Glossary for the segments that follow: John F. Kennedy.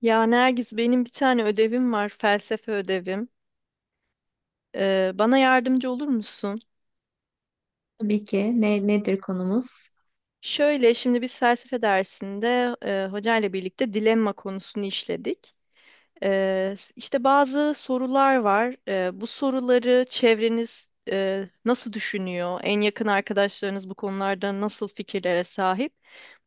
Ya Nergis benim bir tane ödevim var, felsefe ödevim. Bana yardımcı olur musun? Tabii ki. Nedir konumuz? Şöyle şimdi biz felsefe dersinde hocayla birlikte dilemma konusunu işledik. İşte bazı sorular var. Bu soruları çevreniz nasıl düşünüyor? En yakın arkadaşlarınız bu konularda nasıl fikirlere sahip?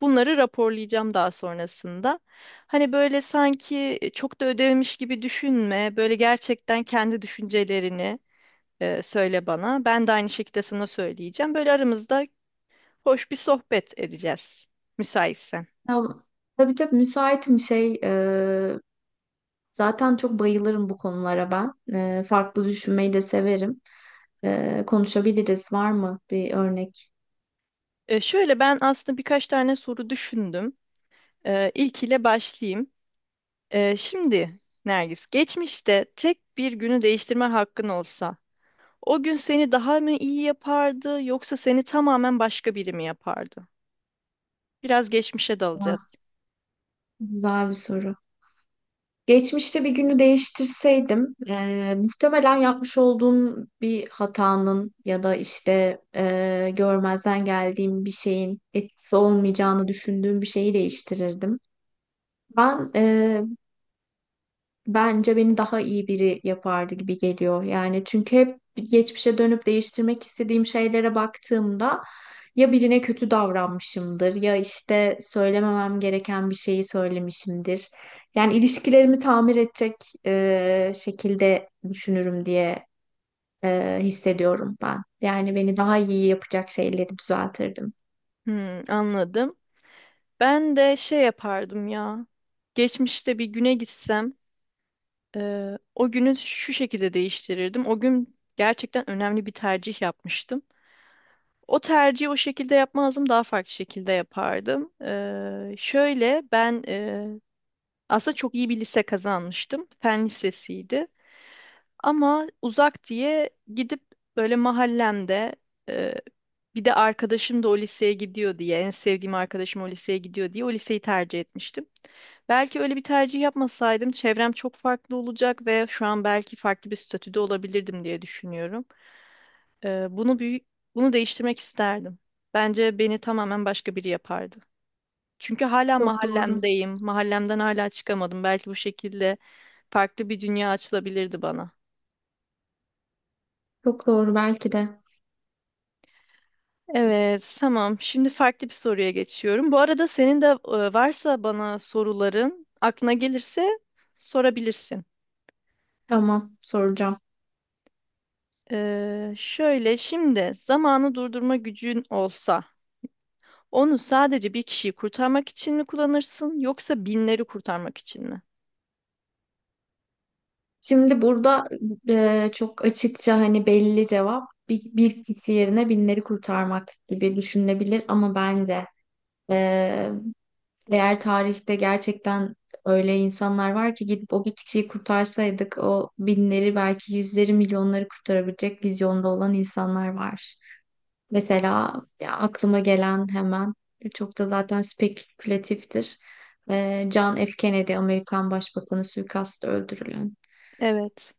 Bunları raporlayacağım daha sonrasında. Hani böyle sanki çok da ödevmiş gibi düşünme. Böyle gerçekten kendi düşüncelerini söyle bana. Ben de aynı şekilde sana söyleyeceğim. Böyle aramızda hoş bir sohbet edeceğiz, müsaitsen. Ya, tabii tabii müsaitim şey. e, Zaten çok bayılırım bu konulara ben. Farklı düşünmeyi de severim. Konuşabiliriz. Var mı bir örnek? Şöyle ben aslında birkaç tane soru düşündüm. İlkiyle başlayayım. Şimdi Nergis, geçmişte tek bir günü değiştirme hakkın olsa, o gün seni daha mı iyi yapardı, yoksa seni tamamen başka biri mi yapardı? Biraz geçmişe Ha, dalacağız. güzel bir soru. Geçmişte bir günü değiştirseydim, muhtemelen yapmış olduğum bir hatanın ya da işte görmezden geldiğim bir şeyin etkisi olmayacağını düşündüğüm bir şeyi değiştirirdim. Ben e, Bence beni daha iyi biri yapardı gibi geliyor. Yani çünkü hep geçmişe dönüp değiştirmek istediğim şeylere baktığımda ya birine kötü davranmışımdır ya işte söylememem gereken bir şeyi söylemişimdir. Yani ilişkilerimi tamir edecek şekilde düşünürüm diye hissediyorum ben. Yani beni daha iyi yapacak şeyleri düzeltirdim. Hmm, anladım. Ben de şey yapardım ya. Geçmişte bir güne gitsem. O günü şu şekilde değiştirirdim. O gün gerçekten önemli bir tercih yapmıştım. O tercihi o şekilde yapmazdım, daha farklı şekilde yapardım. Şöyle ben aslında çok iyi bir lise kazanmıştım. Fen lisesiydi. Ama uzak diye gidip böyle mahallemde e, bir de arkadaşım da o liseye gidiyor diye en sevdiğim arkadaşım o liseye gidiyor diye o liseyi tercih etmiştim. Belki öyle bir tercih yapmasaydım çevrem çok farklı olacak ve şu an belki farklı bir statüde olabilirdim diye düşünüyorum. E, bunu büyük, Bunu değiştirmek isterdim. Bence beni tamamen başka biri yapardı. Çünkü hala Çok doğru. mahallemdeyim. Mahallemden hala çıkamadım. Belki bu şekilde farklı bir dünya açılabilirdi bana. Çok doğru belki de. Evet, tamam. Şimdi farklı bir soruya geçiyorum. Bu arada senin de varsa bana soruların aklına gelirse sorabilirsin. Tamam, soracağım. Şöyle şimdi zamanı durdurma gücün olsa onu sadece bir kişiyi kurtarmak için mi kullanırsın yoksa binleri kurtarmak için mi? Şimdi burada çok açıkça hani belli cevap bir kişi yerine binleri kurtarmak gibi düşünülebilir, ama bence e, eğer tarihte gerçekten öyle insanlar var ki, gidip o bir kişiyi kurtarsaydık, o binleri, belki yüzleri, milyonları kurtarabilecek vizyonda olan insanlar var. Mesela ya, aklıma gelen hemen, çok da zaten spekülatiftir. John F. Kennedy, Amerikan Başbakanı, suikastla öldürülen. Evet.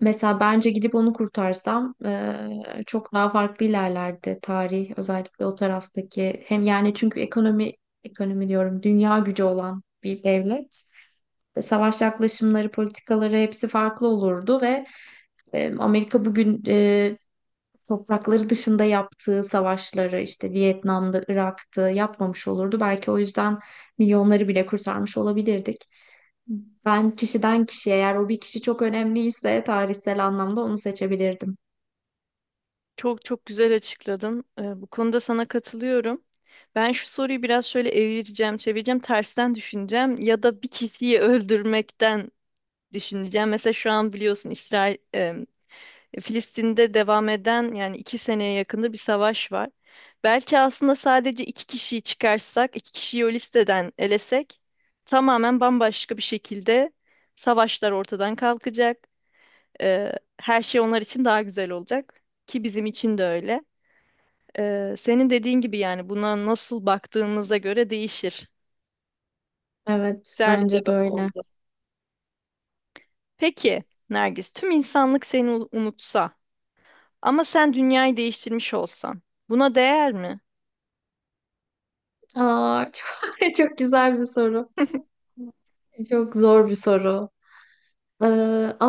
Mesela bence gidip onu kurtarsam, çok daha farklı ilerlerdi tarih, özellikle o taraftaki hem, yani çünkü ekonomi, ekonomi diyorum, dünya gücü olan bir devlet. Savaş yaklaşımları, politikaları, hepsi farklı olurdu ve Amerika bugün toprakları dışında yaptığı savaşları, işte Vietnam'da, Irak'ta, yapmamış olurdu belki. O yüzden milyonları bile kurtarmış olabilirdik. Ben kişiden kişiye, eğer o bir kişi çok önemliyse tarihsel anlamda, onu seçebilirdim. Çok çok güzel açıkladın. Bu konuda sana katılıyorum. Ben şu soruyu biraz şöyle evireceğim, çevireceğim, tersten düşüneceğim ya da bir kişiyi öldürmekten düşüneceğim. Mesela şu an biliyorsun İsrail, Filistin'de devam eden yani 2 seneye yakında bir savaş var. Belki aslında sadece iki kişiyi çıkarsak, iki kişiyi o listeden elesek tamamen bambaşka bir şekilde savaşlar ortadan kalkacak. Ee, Her şey onlar için daha güzel olacak ki bizim için de öyle. Senin dediğin gibi yani buna nasıl baktığımıza göre değişir. Evet, Güzel bir bence de cevap öyle. oldu. Peki Nergis, tüm insanlık seni unutsa ama sen dünyayı değiştirmiş olsan buna değer mi? Aa, çok, çok güzel bir soru. Çok zor bir soru. Ee,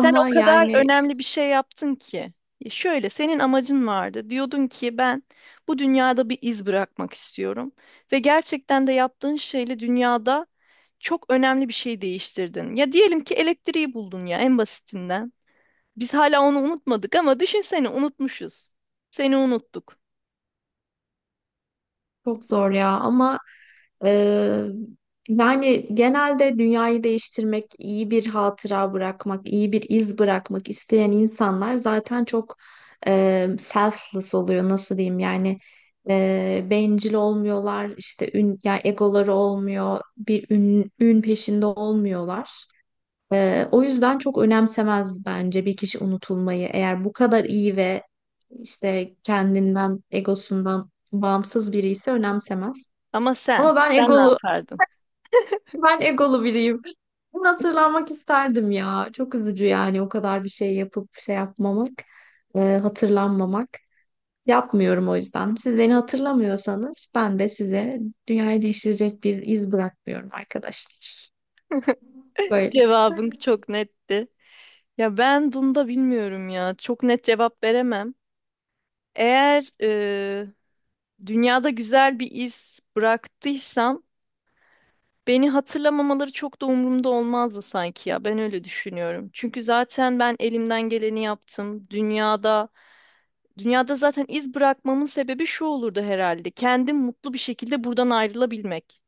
Sen o kadar yani, önemli bir şey yaptın ki. Şöyle senin amacın vardı. Diyordun ki ben bu dünyada bir iz bırakmak istiyorum ve gerçekten de yaptığın şeyle dünyada çok önemli bir şey değiştirdin. Ya diyelim ki elektriği buldun ya en basitinden. Biz hala onu unutmadık ama düşünsene unutmuşuz. Seni unuttuk. çok zor ya, ama e, yani genelde dünyayı değiştirmek, iyi bir hatıra bırakmak, iyi bir iz bırakmak isteyen insanlar zaten çok selfless oluyor, nasıl diyeyim yani, bencil olmuyorlar, işte ün, yani egoları olmuyor, bir ün, ün peşinde olmuyorlar. O yüzden çok önemsemez bence bir kişi unutulmayı. Eğer bu kadar iyi ve işte kendinden, egosundan bağımsız biri ise, önemsemez. Ama sen, Ama ben sen ne egolu, yapardın? ben egolu biriyim. Bunu, hatırlanmak isterdim ya. Çok üzücü yani, o kadar bir şey yapıp şey yapmamak, hatırlanmamak. Yapmıyorum o yüzden. Siz beni hatırlamıyorsanız, ben de size dünyayı değiştirecek bir iz bırakmıyorum arkadaşlar. Böyle Cevabın çok netti. Ya ben bunda bilmiyorum ya. Çok net cevap veremem. Eğer dünyada güzel bir iz bıraktıysam beni hatırlamamaları çok da umurumda olmazdı sanki ya. Ben öyle düşünüyorum. Çünkü zaten ben elimden geleni yaptım. Dünyada zaten iz bırakmamın sebebi şu olurdu herhalde. Kendim mutlu bir şekilde buradan ayrılabilmek.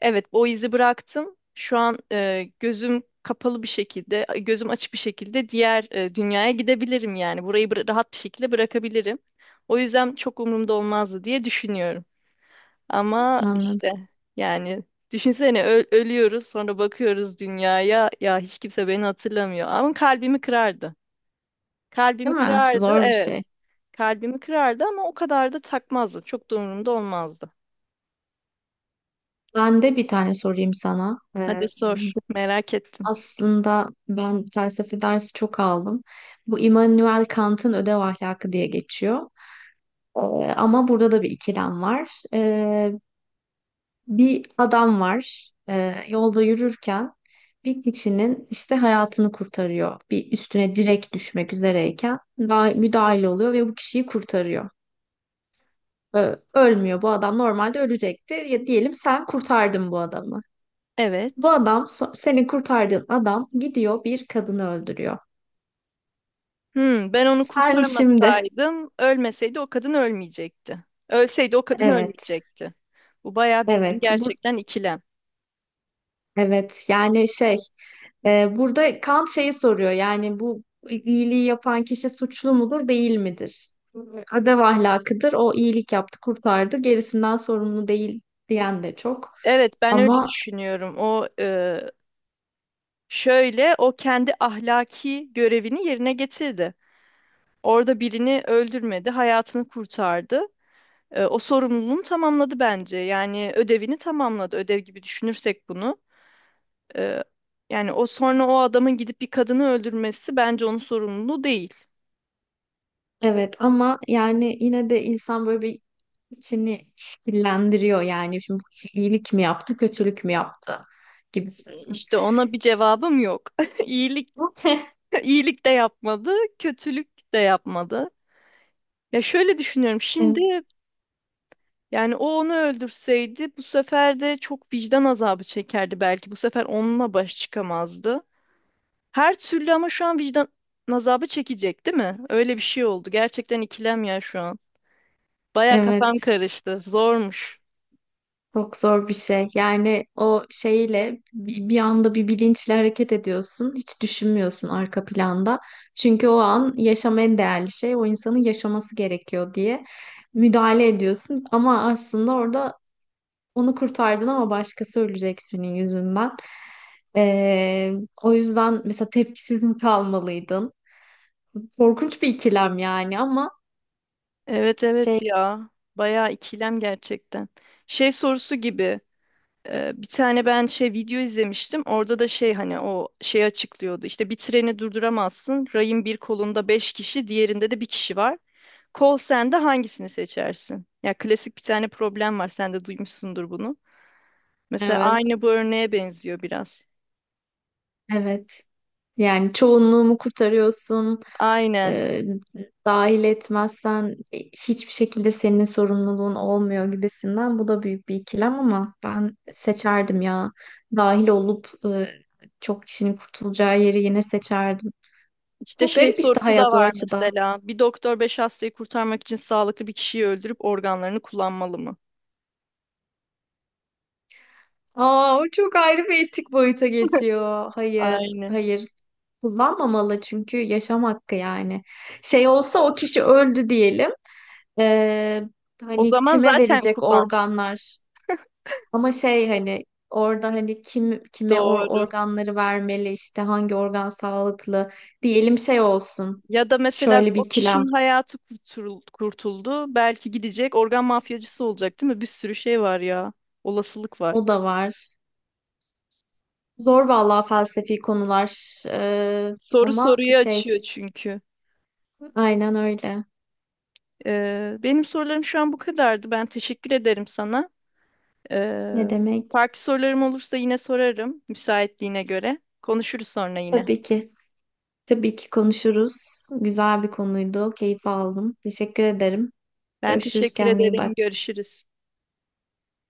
Evet, o izi bıraktım. Şu an gözüm kapalı bir şekilde, gözüm açık bir şekilde diğer dünyaya gidebilirim yani. Burayı rahat bir şekilde bırakabilirim. O yüzden çok umurumda olmazdı diye düşünüyorum. Ama anladım. işte yani düşünsene ölüyoruz sonra bakıyoruz dünyaya ya hiç kimse beni hatırlamıyor. Ama kalbimi kırardı. Kalbimi Değil mi? kırardı Zor bir evet. şey. Kalbimi kırardı ama o kadar da takmazdı. Çok da umurumda olmazdı. Ben de bir tane sorayım sana. Hadi Bu, sor merak ettim. aslında ben felsefe dersi çok aldım. Bu Immanuel Kant'ın Ödev Ahlakı diye geçiyor. Ee, Ama burada da bir ikilem var. Bir adam var. Yolda yürürken bir kişinin işte hayatını kurtarıyor. Bir üstüne direkt düşmek üzereyken daha müdahil oluyor ve bu kişiyi kurtarıyor. Ölmüyor. Bu adam normalde ölecekti. Ya diyelim sen kurtardın bu adamı. Bu Evet. adam, seni kurtardığın adam, gidiyor bir kadını öldürüyor. Ben onu Sen şimdi, kurtarmasaydım, ölmeseydi o kadın ölmeyecekti. Ölseydi o kadın evet, ölmeyecekti. Bu bayağı bildiğin evet, gerçekten ikilem. evet. Yani şey, burada Kant şeyi soruyor. Yani bu iyiliği yapan kişi suçlu mudur, değil midir? Adev ahlakıdır. O iyilik yaptı, kurtardı. Gerisinden sorumlu değil diyen de çok. Evet, ben öyle Ama düşünüyorum. O kendi ahlaki görevini yerine getirdi. Orada birini öldürmedi, hayatını kurtardı. O sorumluluğunu tamamladı bence. Yani ödevini tamamladı. Ödev gibi düşünürsek bunu. Ee, Yani o sonra o adamın gidip bir kadını öldürmesi bence onun sorumluluğu değil. evet, ama yani yine de insan böyle bir içini şekillendiriyor. Yani şimdi iyilik mi yaptı, kötülük mü yaptı gibi. İşte ona bir cevabım yok. İyilik, iyilik de yapmadı, kötülük de yapmadı. Ya şöyle düşünüyorum Evet, şimdi yani o onu öldürseydi bu sefer de çok vicdan azabı çekerdi belki. Bu sefer onunla baş çıkamazdı. Her türlü ama şu an vicdan azabı çekecek değil mi? Öyle bir şey oldu. Gerçekten ikilem ya şu an. Baya kafam evet. karıştı. Zormuş. Çok zor bir şey. Yani o şeyle, bir anda bir bilinçle hareket ediyorsun. Hiç düşünmüyorsun arka planda. Çünkü o an yaşam en değerli şey. O insanın yaşaması gerekiyor diye müdahale ediyorsun. Ama aslında orada onu kurtardın, ama başkası ölecek senin yüzünden. Ee, O yüzden mesela tepkisiz mi kalmalıydın? Korkunç bir ikilem yani, ama Evet evet şey. ya. Bayağı ikilem gerçekten. Şey sorusu gibi bir tane ben şey video izlemiştim. Orada da şey hani o şey açıklıyordu. İşte bir treni durduramazsın. Rayın bir kolunda beş kişi, diğerinde de bir kişi var. Kol sende hangisini seçersin? Ya klasik bir tane problem var. Sen de duymuşsundur bunu. Mesela Evet, aynı bu örneğe benziyor biraz. evet. Yani çoğunluğumu kurtarıyorsun. Aynen. e, Dahil etmezsen hiçbir şekilde senin sorumluluğun olmuyor gibisinden. Bu da büyük bir ikilem, ama ben seçerdim ya. Dahil olup çok kişinin kurtulacağı yeri yine seçerdim. İşte Çok şey garip işte sorusu da hayat o var açıdan. mesela. Bir doktor beş hastayı kurtarmak için sağlıklı bir kişiyi öldürüp organlarını kullanmalı mı? Aa, o çok ayrı bir etik boyuta geçiyor. Hayır, Aynen. hayır. Kullanmamalı, çünkü yaşam hakkı yani. Şey olsa, o kişi öldü diyelim. Ee, O Hani zaman kime zaten verecek kullansın. organlar? Ama şey, hani orada hani kim kime Doğru. organları vermeli, işte hangi organ sağlıklı diyelim, şey olsun. Ya da mesela Şöyle o bir ikilem kişinin hayatı kurtuldu. Belki gidecek organ mafyacısı olacak değil mi? Bir sürü şey var ya. Olasılık var. o da var. Zor vallahi felsefi konular. Soru Ama soruyu açıyor şey, çünkü. aynen öyle. Benim sorularım şu an bu kadardı. Ben teşekkür ederim sana. Ne Ee, demek? Farklı sorularım olursa yine sorarım müsaitliğine göre. Konuşuruz sonra yine. Tabii ki. Tabii ki konuşuruz. Güzel bir konuydu. Keyif aldım. Teşekkür ederim. Ben Görüşürüz. teşekkür Kendine iyi ederim. bak. Görüşürüz.